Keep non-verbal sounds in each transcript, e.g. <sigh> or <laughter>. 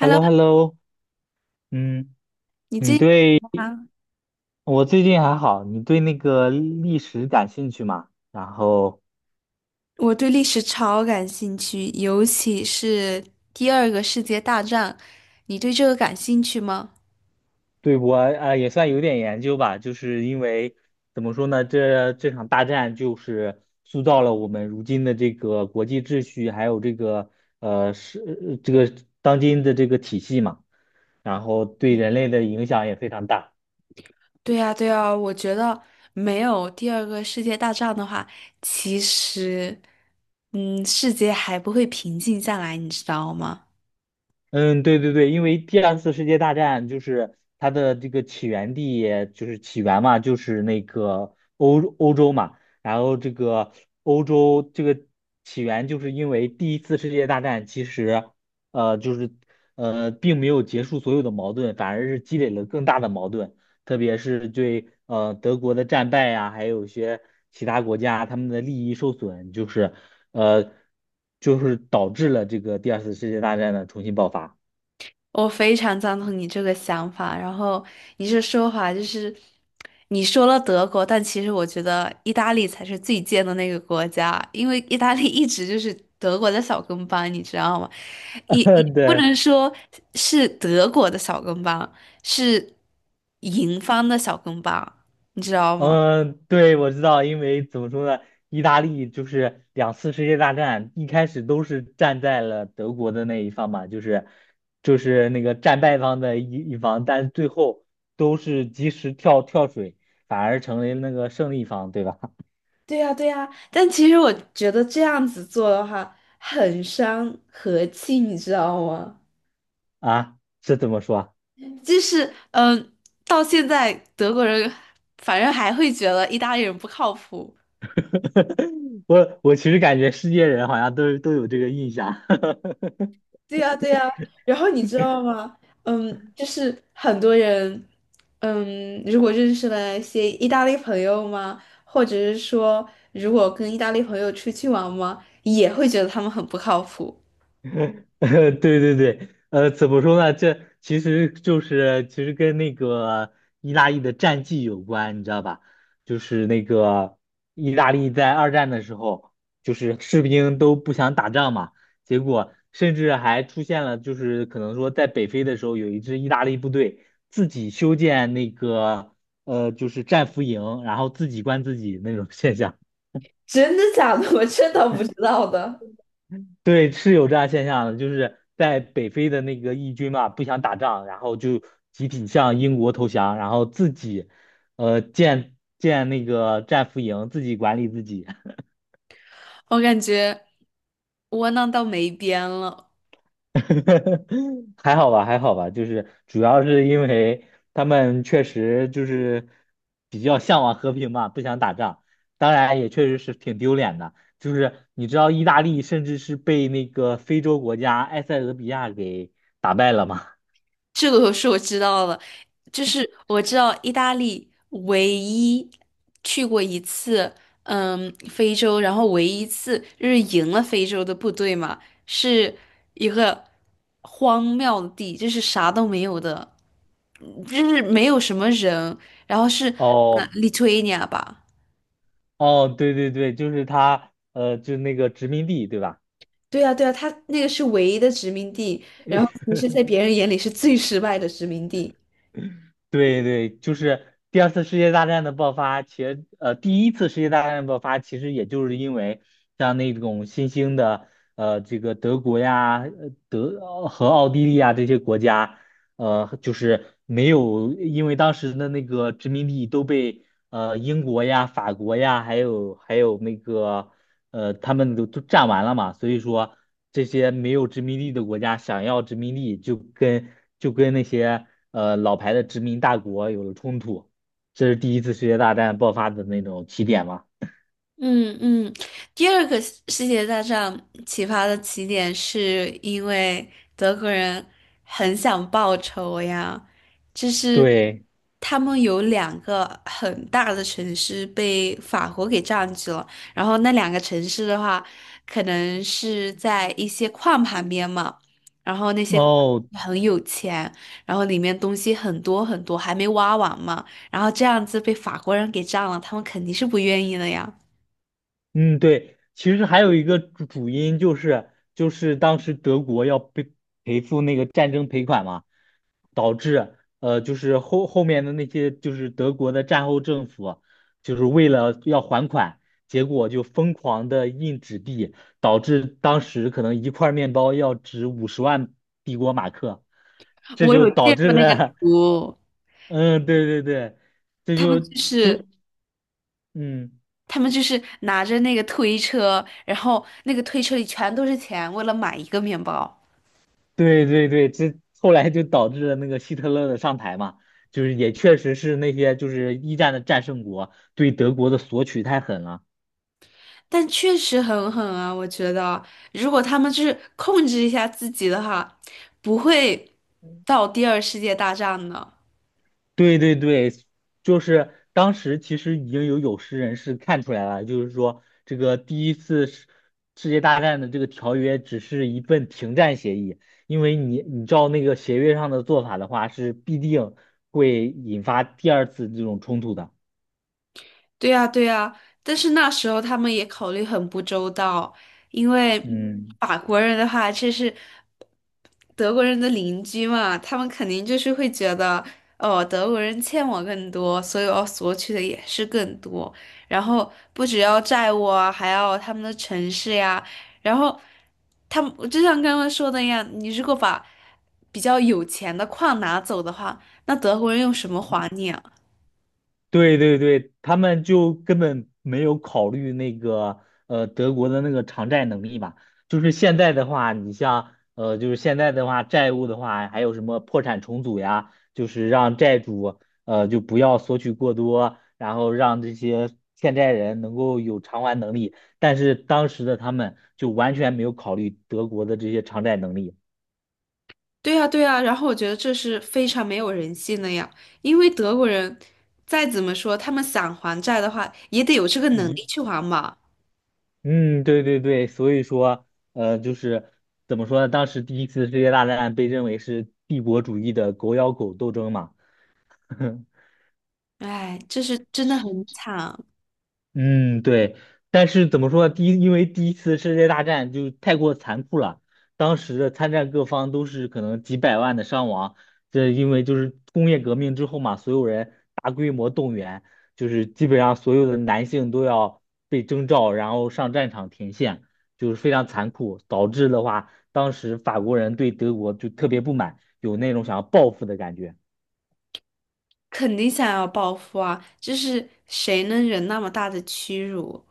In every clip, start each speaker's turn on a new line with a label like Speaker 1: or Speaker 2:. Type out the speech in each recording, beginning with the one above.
Speaker 1: h e l l o h e l l o 嗯，
Speaker 2: 你最
Speaker 1: 你
Speaker 2: 近
Speaker 1: 对
Speaker 2: 啊，
Speaker 1: 我最近还好，你对那个历史感兴趣吗？然后
Speaker 2: 我对历史超感兴趣，尤其是第二个世界大战，你对这个感兴趣吗？
Speaker 1: 对我也算有点研究吧，就是因为怎么说呢，这场大战就是塑造了我们如今的这个国际秩序，还有这个这个当今的这个体系嘛，然后对人类的影响也非常大。
Speaker 2: 对呀，对呀，我觉得没有第二个世界大战的话，其实，世界还不会平静下来，你知道吗？
Speaker 1: 嗯，对对对，因为第二次世界大战就是它的这个起源地，就是起源嘛，就是那个欧洲嘛。然后这个欧洲这个起源，就是因为第一次世界大战其实，就是并没有结束所有的矛盾，反而是积累了更大的矛盾。特别是对德国的战败呀、还有一些其他国家他们的利益受损，就是呃导致了这个第二次世界大战的重新爆发。
Speaker 2: 我非常赞同你这个想法。然后你这说法就是，你说了德国，但其实我觉得意大利才是最贱的那个国家，因为意大利一直就是德国的小跟班，你知道吗？也
Speaker 1: <laughs>
Speaker 2: 不
Speaker 1: 对。
Speaker 2: 能说是德国的小跟班，是赢方的小跟班，你知道吗？
Speaker 1: 嗯，对，我知道，因为怎么说呢，意大利就是两次世界大战一开始都是站在了德国的那一方嘛，就是那个战败方的一方，但最后都是及时跳水，反而成为那个胜利方，对吧？
Speaker 2: 对呀，对呀。但其实我觉得这样子做的话，很伤和气，你知道吗？
Speaker 1: <laughs> 啊，这怎么说啊。
Speaker 2: 就是嗯、呃到现在德国人反正还会觉得意大利人不靠谱。
Speaker 1: <laughs> 我其实感觉世界人好像都有这个印象。<laughs>
Speaker 2: 对呀，对呀。然后你知道吗？嗯，就是很多人，嗯，如果认识了一些意大利朋友嘛，或者是说如果跟意大利朋友出去玩嘛，也会觉得他们很不靠谱。
Speaker 1: 对对对，怎么说呢？这其实就是其实跟那个意大利的战绩有关，你知道吧？就是那个意大利在二战的时候，就是士兵都不想打仗嘛，结果甚至还出现了，就是可能说在北非的时候，有一支意大利部队自己修建那个就是战俘营，然后自己关自己那种现象。
Speaker 2: 真的假的？<laughs> 我真的不知道的。
Speaker 1: 对，是有这样现象的，就是在北非的那个义军嘛，不想打仗，然后就集体向英国投降，然后自己，建那个战俘营，自己管理自己。
Speaker 2: 我感觉窝囊到没边了。
Speaker 1: <laughs> 还好吧，还好吧，就是主要是因为他们确实就是比较向往和平嘛，不想打仗，当然也确实是挺丢脸的，就是你知道意大利甚至是被那个非洲国家埃塞俄比亚给打败了吗？
Speaker 2: 这个是我知道了，就是我知道意大利唯一去过一次，嗯，非洲，然后唯一一次就是赢了非洲的部队嘛，是一个荒谬的地，就是啥都没有的，嗯就是没有什么人，然后是
Speaker 1: 哦。
Speaker 2: 利托尼亚吧。
Speaker 1: 哦，对对对，就是他，就那个殖民地，对吧？
Speaker 2: 对啊，对啊，他那个是唯一的殖民地，然后其
Speaker 1: <laughs>
Speaker 2: 实，在别人眼里是最失败的殖民地。
Speaker 1: 对对，就是第二次世界大战的爆发，其实第一次世界大战的爆发，其实也就是因为像那种新兴的这个德国呀、呃德呃和奥地利啊这些国家，就是没有因为当时的那个殖民地都被英国呀、法国呀，还有那个他们都占完了嘛，所以说这些没有殖民地的国家想要殖民地，就跟那些老牌的殖民大国有了冲突，这是第一次世界大战爆发的那种起点嘛。
Speaker 2: 嗯嗯，第二个世界大战启发的起点是因为德国人很想报仇呀，就是
Speaker 1: 对。
Speaker 2: 他们有两个很大的城市被法国给占据了，然后那两个城市的话，可能是在一些矿旁边嘛，然后那些矿
Speaker 1: 哦，
Speaker 2: 很有钱，然后里面东西很多很多，还没挖完嘛，然后这样子被法国人给占了，他们肯定是不愿意的呀。
Speaker 1: 嗯，对，其实还有一个主因就是当时德国要被赔付那个战争赔款嘛。导致就是后面的那些就是德国的战后政府，就是为了要还款，结果就疯狂的印纸币，导致当时可能一块面包要值50万帝国马克，这
Speaker 2: 我
Speaker 1: 就
Speaker 2: 有
Speaker 1: 导
Speaker 2: 见
Speaker 1: 致
Speaker 2: 过那个
Speaker 1: 了。
Speaker 2: 图，
Speaker 1: <laughs> 嗯，对对对，这
Speaker 2: 他们
Speaker 1: 就
Speaker 2: 就是
Speaker 1: 就嗯，
Speaker 2: 他们就是拿着那个推车，然后那个推车里全都是钱，为了买一个面包。
Speaker 1: 对对对，这后来就导致了那个希特勒的上台嘛。就是也确实是那些就是一战的战胜国对德国的索取太狠了。
Speaker 2: 但确实很狠啊，我觉得如果他们就是控制一下自己的话，不会到第二世界大战的。
Speaker 1: 对对对，就是当时其实已经有识人士看出来了，就是说这个第一次世界大战的这个条约只是一份停战协议，因为你照那个协约上的做法的话，是必定会引发第二次这种冲突的。
Speaker 2: 对呀，对呀，但是那时候他们也考虑很不周到，因为
Speaker 1: 嗯。
Speaker 2: 法国人的话，这是德国人的邻居嘛，他们肯定就是会觉得，哦，德国人欠我更多，所以我要索取的也是更多，然后不只要债务啊，还要他们的城市呀，然后他们就像刚刚说的一样，你如果把比较有钱的矿拿走的话，那德国人用什么还你啊？
Speaker 1: 对对对，他们就根本没有考虑那个德国的那个偿债能力吧。就是现在的话，你像就是现在的话，债务的话，还有什么破产重组呀，就是让债主就不要索取过多，然后让这些欠债人能够有偿还能力。但是当时的他们就完全没有考虑德国的这些偿债能力。
Speaker 2: 对呀，对呀，然后我觉得这是非常没有人性的呀，因为德国人再怎么说，他们想还债的话，也得有这个能力去还嘛。
Speaker 1: 嗯，对对对，所以说，就是怎么说呢？当时第一次世界大战被认为是帝国主义的狗咬狗斗争嘛。<laughs>
Speaker 2: 哎，这是真的很惨，
Speaker 1: 嗯，对，但是怎么说呢？第一，因为第一次世界大战就太过残酷了，当时的参战各方都是可能几百万的伤亡。这因为就是工业革命之后嘛，所有人大规模动员，就是基本上所有的男性都要被征召，然后上战场前线，就是非常残酷，导致的话，当时法国人对德国就特别不满，有那种想要报复的感觉。
Speaker 2: 肯定想要报复啊，这是谁能忍那么大的屈辱？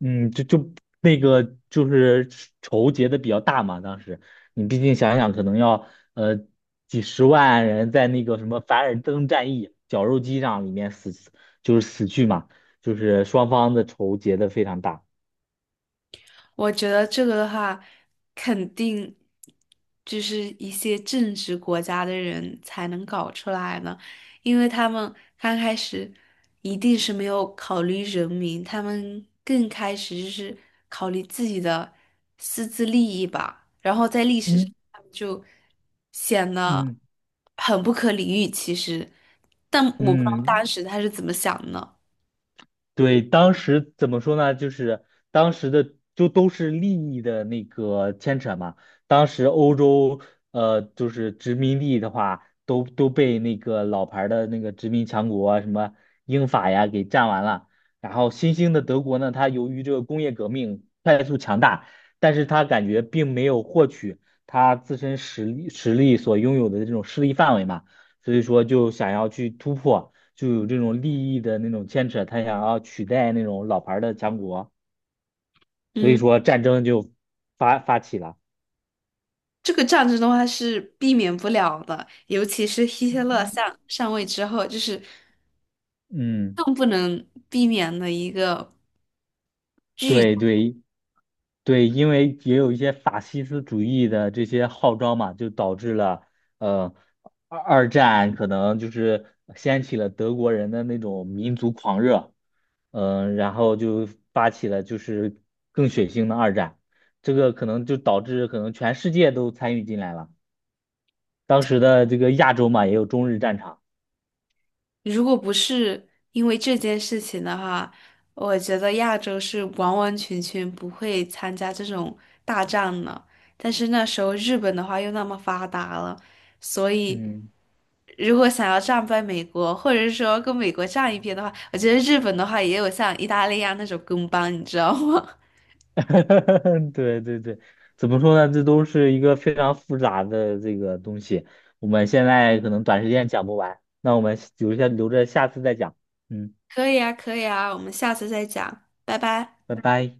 Speaker 1: 嗯，就那个就是仇结的比较大嘛，当时你毕竟想想，可能要呃几十万人在那个什么凡尔登战役绞肉机上里面死，就是死去嘛，就是双方的仇结的非常大。
Speaker 2: 我觉得这个的话，肯定就是一些正直国家的人才能搞出来呢，因为他们刚开始一定是没有考虑人民，他们更开始就是考虑自己的私自利益吧，然后在历史上
Speaker 1: 嗯
Speaker 2: 他们就显得
Speaker 1: 嗯
Speaker 2: 很不可理喻，其实，但我不知道当
Speaker 1: 嗯，
Speaker 2: 时他是怎么想的。
Speaker 1: 对，当时怎么说呢？就是当时的就都是利益的那个牵扯嘛。当时欧洲就是殖民地的话，都被那个老牌儿的那个殖民强国啊什么英法呀给占完了。然后新兴的德国呢，它由于这个工业革命。但是他感觉并没有获取他自身实力所拥有的这种势力范围嘛，所以说就想要去突破，就有这种利益的那种牵扯，他想要取代那种老牌儿的强国，所以
Speaker 2: 嗯。
Speaker 1: 说战争就发起了。
Speaker 2: 这个战争的话是避免不了的，尤其是希特勒上位之后，就是
Speaker 1: 嗯，
Speaker 2: 更不能避免的一个。
Speaker 1: 对对，对，因为也有一些法西斯主义的这些号召嘛，就导致了呃二战可能就是掀起了德国人的那种民族狂热，嗯、然后就发起了就是更血腥的二战，这个可能就导致可能全世界都参与进来了。当时的这个亚洲嘛，也有中日战场，
Speaker 2: 如果不是因为这件事情的话，我觉得亚洲是完完全全不会参加这种大战的。但是那时候日本的话又那么发达了，所以
Speaker 1: 嗯。
Speaker 2: 如果想要战败美国，或者是说跟美国站一边的话，我觉得日本的话也有像意大利啊那种跟班，你知道吗？
Speaker 1: <laughs> 对对对，怎么说呢？这都是一个非常复杂的这个东西，我们现在可能短时间讲不完，那我们留着下次再讲。嗯，
Speaker 2: 可以啊，可以啊，我们下次再讲，拜拜。
Speaker 1: 拜拜。